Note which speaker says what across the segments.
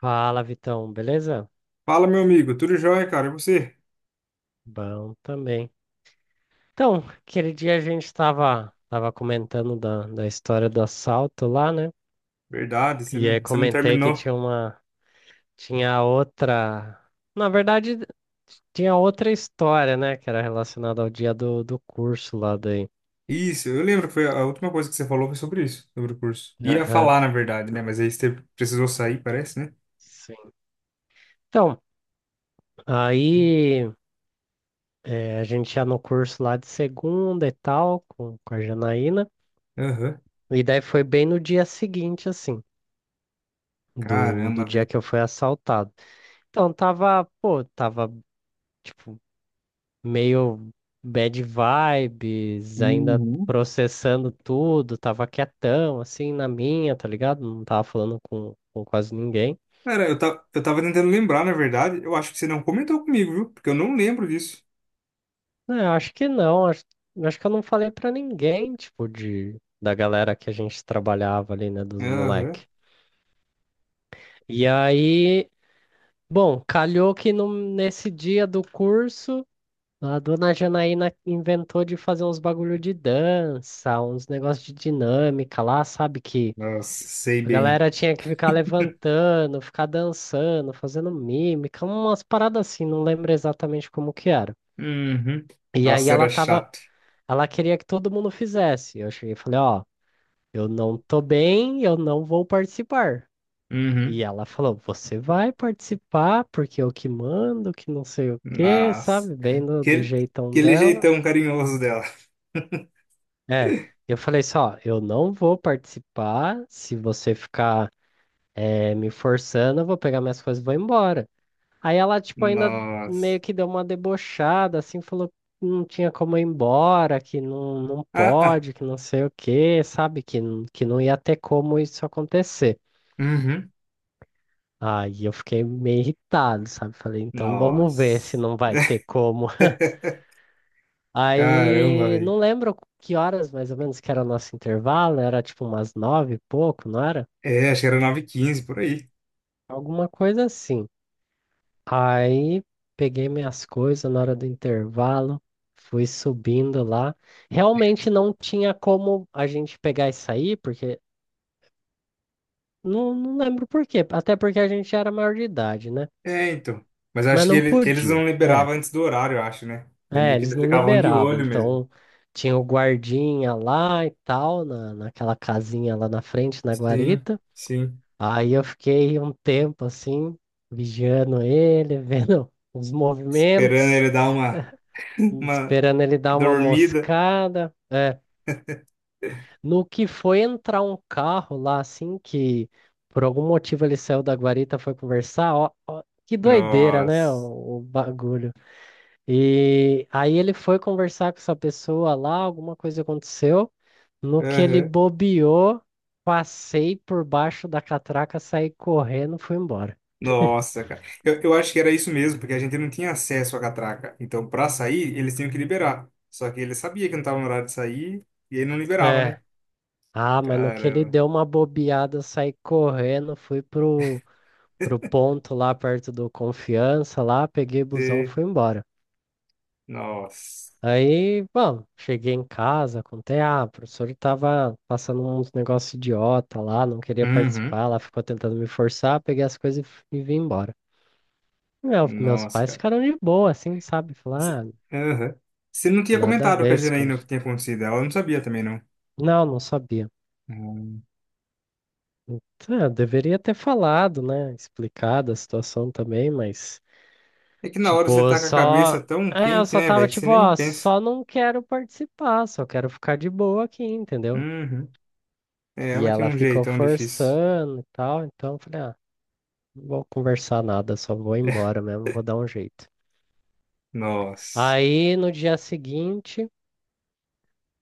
Speaker 1: Fala, Vitão, beleza?
Speaker 2: Fala, meu amigo, tudo jóia, cara? E você?
Speaker 1: Bom também. Então, aquele dia a gente estava tava comentando da história do assalto lá, né?
Speaker 2: Verdade, você
Speaker 1: E
Speaker 2: não,
Speaker 1: aí
Speaker 2: você não
Speaker 1: comentei que
Speaker 2: terminou.
Speaker 1: tinha uma, tinha outra, na verdade, tinha outra história, né? Que era relacionada ao dia do curso lá daí.
Speaker 2: Isso, eu lembro que foi a última coisa que você falou foi sobre isso, sobre o curso. Ia
Speaker 1: Aham,
Speaker 2: falar, na verdade, né? Mas aí você precisou sair, parece, né?
Speaker 1: sim. Então, aí a gente ia no curso lá de segunda e tal, com a Janaína.
Speaker 2: Aham.
Speaker 1: E daí foi bem no dia seguinte, assim. do
Speaker 2: Caramba,
Speaker 1: dia
Speaker 2: velho.
Speaker 1: que eu fui assaltado. Então, tava, pô, tava, tipo, meio bad vibes, ainda
Speaker 2: Uhum.
Speaker 1: processando tudo, tava quietão, assim, na minha, tá ligado? Não tava falando com quase ninguém.
Speaker 2: Cara, eu tava tentando lembrar, na verdade. Eu acho que você não comentou comigo, viu? Porque eu não lembro disso.
Speaker 1: É, acho que não, acho, acho que eu não falei pra ninguém, tipo, de, da galera que a gente trabalhava ali, né, dos
Speaker 2: Aham.
Speaker 1: moleque. E aí, bom, calhou que no, nesse dia do curso. A dona Janaína inventou de fazer uns bagulho de dança, uns negócios de dinâmica lá, sabe? Que
Speaker 2: Nossa, sei
Speaker 1: a
Speaker 2: bem.
Speaker 1: galera tinha que ficar levantando, ficar dançando, fazendo mímica, umas paradas assim, não lembro exatamente como que era.
Speaker 2: Uhum.
Speaker 1: E aí
Speaker 2: Nossa, era chato.
Speaker 1: ela queria que todo mundo fizesse. Eu cheguei e falei, ó, eu não tô bem, eu não vou participar. E
Speaker 2: Uhum.
Speaker 1: ela falou, você vai participar porque eu que mando, que não sei o quê,
Speaker 2: Nossa.
Speaker 1: sabe? Bem do
Speaker 2: Aquele,
Speaker 1: jeitão
Speaker 2: aquele
Speaker 1: dela.
Speaker 2: jeitão carinhoso dela.
Speaker 1: É, eu falei só, eu não vou participar se você ficar me forçando, eu vou pegar minhas coisas e vou embora. Aí ela, tipo, ainda
Speaker 2: Nossa.
Speaker 1: meio que deu uma debochada, assim, falou que não tinha como ir embora, que não, não
Speaker 2: Ah, ah.
Speaker 1: pode, que não sei o quê, sabe? Que, que não ia ter como isso acontecer.
Speaker 2: Uhum.
Speaker 1: Aí eu fiquei meio irritado, sabe? Falei, então vamos ver se
Speaker 2: Nossa.
Speaker 1: não vai ter como.
Speaker 2: Caramba,
Speaker 1: Aí
Speaker 2: velho.
Speaker 1: não lembro que horas mais ou menos que era o nosso intervalo, era tipo umas nove e pouco, não era?
Speaker 2: É, acho que era nove h 15 por aí.
Speaker 1: Alguma coisa assim. Aí peguei minhas coisas na hora do intervalo, fui subindo lá. Realmente não tinha como a gente pegar e sair, porque não, não lembro por quê. Até porque a gente já era maior de idade, né?
Speaker 2: É, então. Mas
Speaker 1: Mas
Speaker 2: acho que
Speaker 1: não
Speaker 2: eles
Speaker 1: podia.
Speaker 2: não
Speaker 1: É,
Speaker 2: liberavam antes do horário, eu acho, né? Daí
Speaker 1: é,
Speaker 2: meio que
Speaker 1: eles
Speaker 2: eles
Speaker 1: não
Speaker 2: ficavam de
Speaker 1: liberavam.
Speaker 2: olho mesmo.
Speaker 1: Então tinha o guardinha lá e tal, na, naquela casinha lá na frente, na
Speaker 2: Sim,
Speaker 1: guarita.
Speaker 2: sim.
Speaker 1: Aí eu fiquei um tempo assim, vigiando ele, vendo os
Speaker 2: Esperando
Speaker 1: movimentos.
Speaker 2: ele dar uma, uma
Speaker 1: Esperando ele dar uma
Speaker 2: dormida.
Speaker 1: moscada. É, no que foi entrar um carro lá, assim, que por algum motivo ele saiu da guarita, foi conversar. Ó, ó, que doideira, né?
Speaker 2: Nossa.
Speaker 1: O bagulho. E aí ele foi conversar com essa pessoa lá, alguma coisa aconteceu. No que ele
Speaker 2: Aham.
Speaker 1: bobeou, passei por baixo da catraca, saí correndo, fui embora.
Speaker 2: Nossa, cara. Eu acho que era isso mesmo, porque a gente não tinha acesso à catraca. Então, pra sair, eles tinham que liberar. Só que ele sabia que não tava no horário de sair e ele não liberava,
Speaker 1: É.
Speaker 2: né?
Speaker 1: Ah, mas no que ele
Speaker 2: Caramba.
Speaker 1: deu uma bobeada, saí correndo, fui pro ponto lá perto do Confiança, lá, peguei busão,
Speaker 2: Você-
Speaker 1: fui embora.
Speaker 2: Nossa.
Speaker 1: Aí, bom, cheguei em casa, contei, ah, o professor tava passando uns negócios idiota lá, não queria
Speaker 2: Uhum.
Speaker 1: participar, lá ficou tentando me forçar, peguei as coisas e, e vim embora. Meus
Speaker 2: Nossa,
Speaker 1: pais
Speaker 2: cara.
Speaker 1: ficaram de boa, assim, sabe?
Speaker 2: Você
Speaker 1: Falaram, ah,
Speaker 2: Aham. Você não tinha
Speaker 1: nada a
Speaker 2: comentado com
Speaker 1: ver
Speaker 2: a
Speaker 1: esse
Speaker 2: Janaína o que
Speaker 1: curso.
Speaker 2: tinha acontecido. Ela não sabia também, não.
Speaker 1: Não, não sabia.
Speaker 2: Hum.
Speaker 1: Tá, eu deveria ter falado, né? Explicado a situação também, mas
Speaker 2: É que na hora você
Speaker 1: Tipo, eu
Speaker 2: tá com a
Speaker 1: só.
Speaker 2: cabeça tão
Speaker 1: É, eu
Speaker 2: quente,
Speaker 1: só
Speaker 2: né,
Speaker 1: tava
Speaker 2: velho, que você
Speaker 1: tipo,
Speaker 2: nem
Speaker 1: ó,
Speaker 2: pensa.
Speaker 1: só não quero participar, só quero ficar de boa aqui, entendeu?
Speaker 2: Uhum. É,
Speaker 1: E
Speaker 2: ela tinha
Speaker 1: ela
Speaker 2: um
Speaker 1: ficou
Speaker 2: jeitão difícil.
Speaker 1: forçando e tal, então eu falei, ah, não vou conversar nada, só vou embora mesmo, vou dar um jeito.
Speaker 2: Nossa.
Speaker 1: Aí no dia seguinte,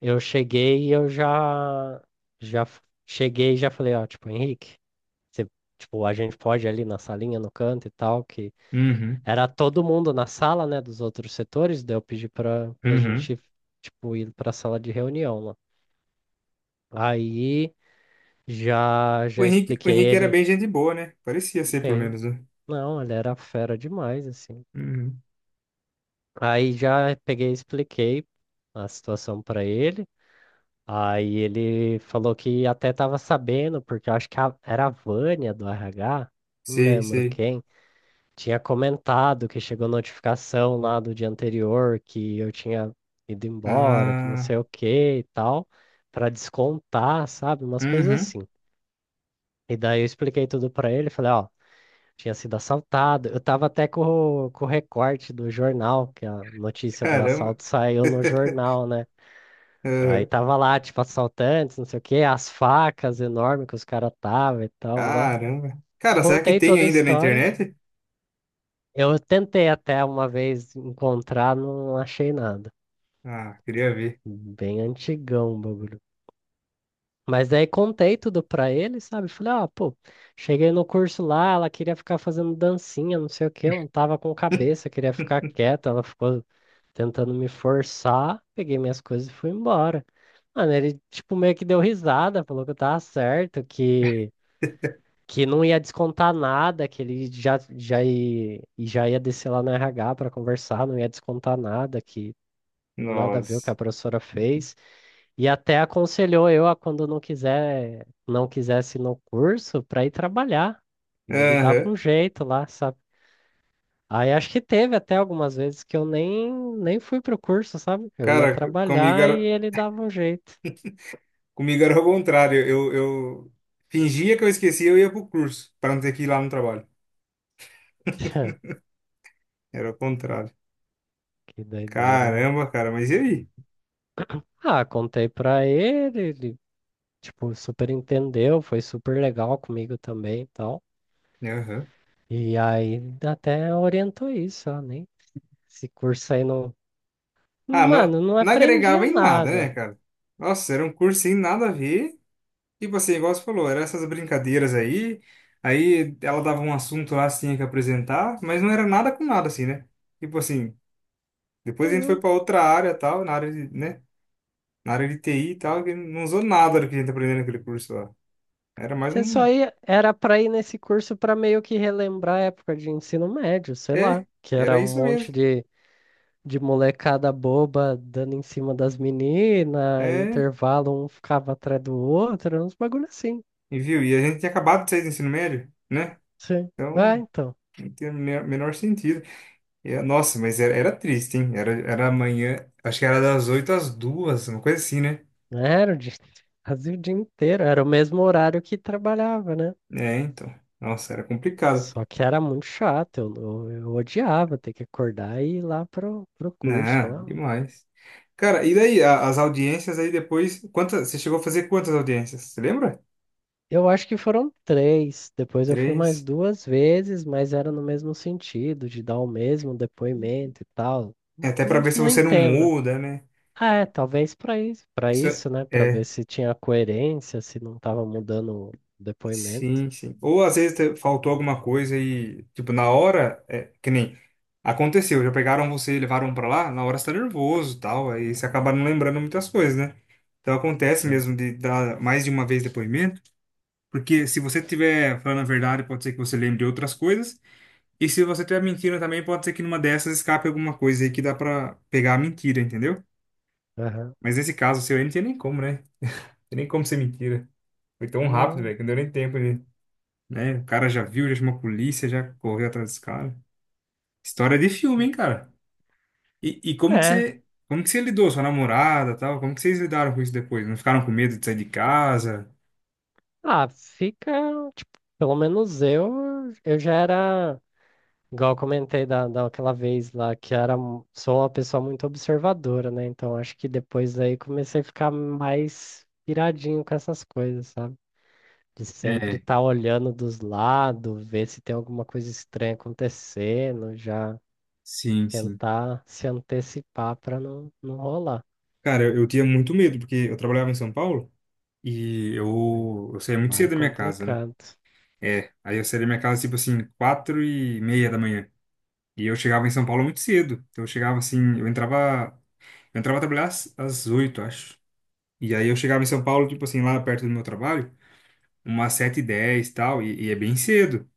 Speaker 1: eu cheguei e eu já. Já f- cheguei e já falei, ó, tipo, Henrique, você, tipo, a gente pode ir ali na salinha, no canto e tal, que
Speaker 2: Uhum.
Speaker 1: era todo mundo na sala, né, dos outros setores, daí eu pedi pra
Speaker 2: Uhum.
Speaker 1: gente, tipo, ir pra sala de reunião lá. Aí
Speaker 2: O
Speaker 1: já
Speaker 2: Henrique, o
Speaker 1: expliquei
Speaker 2: Henrique era
Speaker 1: ele.
Speaker 2: bem gente boa, né? Parecia ser, pelo
Speaker 1: Sim,
Speaker 2: menos, né?
Speaker 1: não, ele era fera demais, assim.
Speaker 2: Uhum.
Speaker 1: Aí já peguei e expliquei a situação pra ele. Aí ele falou que até tava sabendo, porque eu acho que era a Vânia do RH, não
Speaker 2: Sei,
Speaker 1: lembro
Speaker 2: sei.
Speaker 1: quem. Tinha comentado que chegou notificação lá do dia anterior que eu tinha ido embora, que não
Speaker 2: Ah.
Speaker 1: sei o que e tal, para descontar, sabe? Umas coisas
Speaker 2: Uhum.
Speaker 1: assim. E daí eu expliquei tudo para ele, falei, ó, tinha sido assaltado. Eu tava até com com o recorte do jornal, que a notícia do
Speaker 2: Caramba.
Speaker 1: assalto saiu no jornal, né? Aí
Speaker 2: Uhum.
Speaker 1: tava lá, tipo, assaltantes, não sei o que as facas enormes que os caras tava e tal, lá.
Speaker 2: Caramba. Cara, será que
Speaker 1: Contei
Speaker 2: tem
Speaker 1: toda a
Speaker 2: ainda na
Speaker 1: história.
Speaker 2: internet?
Speaker 1: Eu tentei até uma vez encontrar, não achei nada.
Speaker 2: Ah, queria ver.
Speaker 1: Bem antigão o bagulho. Mas daí contei tudo pra ele, sabe? Falei, ah, pô, cheguei no curso lá, ela queria ficar fazendo dancinha, não sei o quê, eu não tava com cabeça, queria ficar quieta, ela ficou tentando me forçar, peguei minhas coisas e fui embora. Mano, ele, tipo, meio que deu risada, falou que eu tava certo, que não ia descontar nada, que ele já ia descer lá no RH para conversar, não ia descontar nada, que nada a ver o que
Speaker 2: Nossa.
Speaker 1: a professora fez. E até aconselhou eu a quando não quiser, não quisesse ir no curso para ir trabalhar. E ele dava
Speaker 2: Aham.
Speaker 1: um jeito lá, sabe? Aí acho que teve até algumas vezes que eu nem, nem fui pro curso, sabe? Eu ia
Speaker 2: Cara, comigo
Speaker 1: trabalhar e
Speaker 2: era,
Speaker 1: ele dava um jeito.
Speaker 2: comigo era o contrário. Eu fingia que eu esquecia, eu ia pro curso, para não ter que ir lá no trabalho. Era o contrário.
Speaker 1: Que doideira, né?
Speaker 2: Caramba, cara, mas e aí?
Speaker 1: Ah, contei pra ele, ele tipo, super entendeu, foi super legal comigo também e tal.
Speaker 2: Aham.
Speaker 1: E aí até orientou isso, ó, nem esse curso aí não.
Speaker 2: Ah, não,
Speaker 1: Mano, não
Speaker 2: não agregava
Speaker 1: aprendia
Speaker 2: em nada, né,
Speaker 1: nada.
Speaker 2: cara? Nossa, era um curso sem nada a ver. Tipo assim, igual você falou, eram essas brincadeiras aí. Aí ela dava um assunto lá, você tinha que apresentar, mas não era nada com nada, assim, né? Tipo assim, depois a gente foi
Speaker 1: Não.
Speaker 2: para outra área, tal, na área de, né? Na área de TI e tal, que não usou nada do que a gente aprendeu naquele curso lá. Era mais
Speaker 1: Você só
Speaker 2: um.
Speaker 1: ia, era pra ir nesse curso pra meio que relembrar a época de ensino médio, sei lá,
Speaker 2: É,
Speaker 1: que
Speaker 2: era
Speaker 1: era um
Speaker 2: isso
Speaker 1: monte
Speaker 2: mesmo.
Speaker 1: de molecada boba dando em cima das meninas,
Speaker 2: É,
Speaker 1: intervalo um ficava atrás do outro, uns bagulho assim.
Speaker 2: e viu? E a gente tinha acabado de sair do ensino médio, né?
Speaker 1: Sim.
Speaker 2: Então,
Speaker 1: Ah,
Speaker 2: não
Speaker 1: então.
Speaker 2: tinha o menor sentido. E, é, nossa, mas era triste, hein? Era amanhã, acho que era das oito às duas uma coisa assim, né?
Speaker 1: Era o dia, quase o dia inteiro, era o mesmo horário que trabalhava, né?
Speaker 2: É, então. Nossa, era complicado.
Speaker 1: Só que era muito chato, eu odiava ter que acordar e ir lá pro curso.
Speaker 2: Não,
Speaker 1: Falar. "Ah,
Speaker 2: demais. Cara, e daí, as audiências aí depois. Quantas, você chegou a fazer quantas audiências? Você lembra?
Speaker 1: eu acho que foram três, depois eu fui mais
Speaker 2: Três.
Speaker 1: duas vezes, mas era no mesmo sentido, de dar o mesmo depoimento e tal.
Speaker 2: É até para
Speaker 1: Não,
Speaker 2: ver se
Speaker 1: não
Speaker 2: você não
Speaker 1: entendo.
Speaker 2: muda, né?
Speaker 1: Ah, é, talvez para
Speaker 2: Isso é,
Speaker 1: isso, né? Para ver
Speaker 2: é,
Speaker 1: se tinha coerência, se não tava mudando o depoimento.
Speaker 2: sim, sim. Ou às vezes faltou alguma coisa e, tipo, na hora, é, que nem aconteceu, já pegaram você e levaram pra lá, na hora você tá nervoso e tal, aí você acaba não lembrando muitas coisas, né? Então acontece
Speaker 1: Sim.
Speaker 2: mesmo de dar mais de uma vez depoimento, porque se você estiver falando a verdade, pode ser que você lembre de outras coisas, e se você estiver mentindo também, pode ser que numa dessas escape alguma coisa aí que dá pra pegar a mentira, entendeu?
Speaker 1: Aham.
Speaker 2: Mas nesse caso seu aí não tinha nem como, né? Não tinha nem como ser mentira. Foi tão rápido,
Speaker 1: Hum,
Speaker 2: velho, que não deu nem tempo de. Né? O cara já viu, já chamou a polícia, já correu atrás desse cara. História de filme, hein, cara? E como que
Speaker 1: é.
Speaker 2: você, como que você lidou, sua namorada, e tal? Como que vocês lidaram com isso depois? Não ficaram com medo de sair de casa?
Speaker 1: Ah, fica. Pelo menos eu já era, igual eu comentei daquela vez lá, que era, sou uma pessoa muito observadora, né? Então acho que depois daí comecei a ficar mais piradinho com essas coisas, sabe? De sempre
Speaker 2: É,
Speaker 1: estar olhando dos lados, ver se tem alguma coisa estranha acontecendo, já
Speaker 2: sim, sim.
Speaker 1: tentar se antecipar para não, não rolar.
Speaker 2: Cara, eu tinha muito medo, porque eu trabalhava em São Paulo e
Speaker 1: Aí,
Speaker 2: eu saía muito
Speaker 1: lá é
Speaker 2: cedo da minha casa, né?
Speaker 1: complicado.
Speaker 2: É, aí eu saía da minha casa, tipo assim, 4h30 da manhã. E eu chegava em São Paulo muito cedo. Então eu chegava assim, eu entrava, a trabalhar às oito, acho. E aí eu chegava em São Paulo, tipo assim, lá perto do meu trabalho, umas 7h10 e tal, e é bem cedo.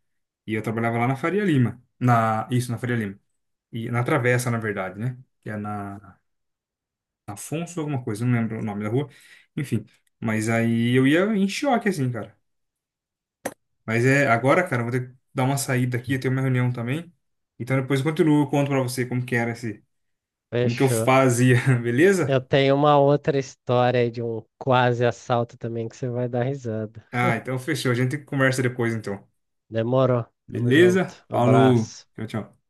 Speaker 2: E eu trabalhava lá na Faria Lima. Na, isso, na Faria Lima. E na Travessa, na verdade, né? Que é na Afonso alguma coisa, não lembro o nome da rua. Enfim, mas aí eu ia em choque, assim, cara. Mas é, agora, cara, eu vou ter que dar uma saída aqui, eu tenho uma reunião também. Então depois eu continuo, eu conto pra você como que era esse, como que eu
Speaker 1: Fechou.
Speaker 2: fazia, beleza?
Speaker 1: Eu tenho uma outra história aí de um quase assalto também que você vai dar risada.
Speaker 2: Ah, então fechou, a gente conversa depois, então.
Speaker 1: Demorou. Tamo
Speaker 2: Beleza?
Speaker 1: junto.
Speaker 2: Falou,
Speaker 1: Abraço.
Speaker 2: tchau, tchau.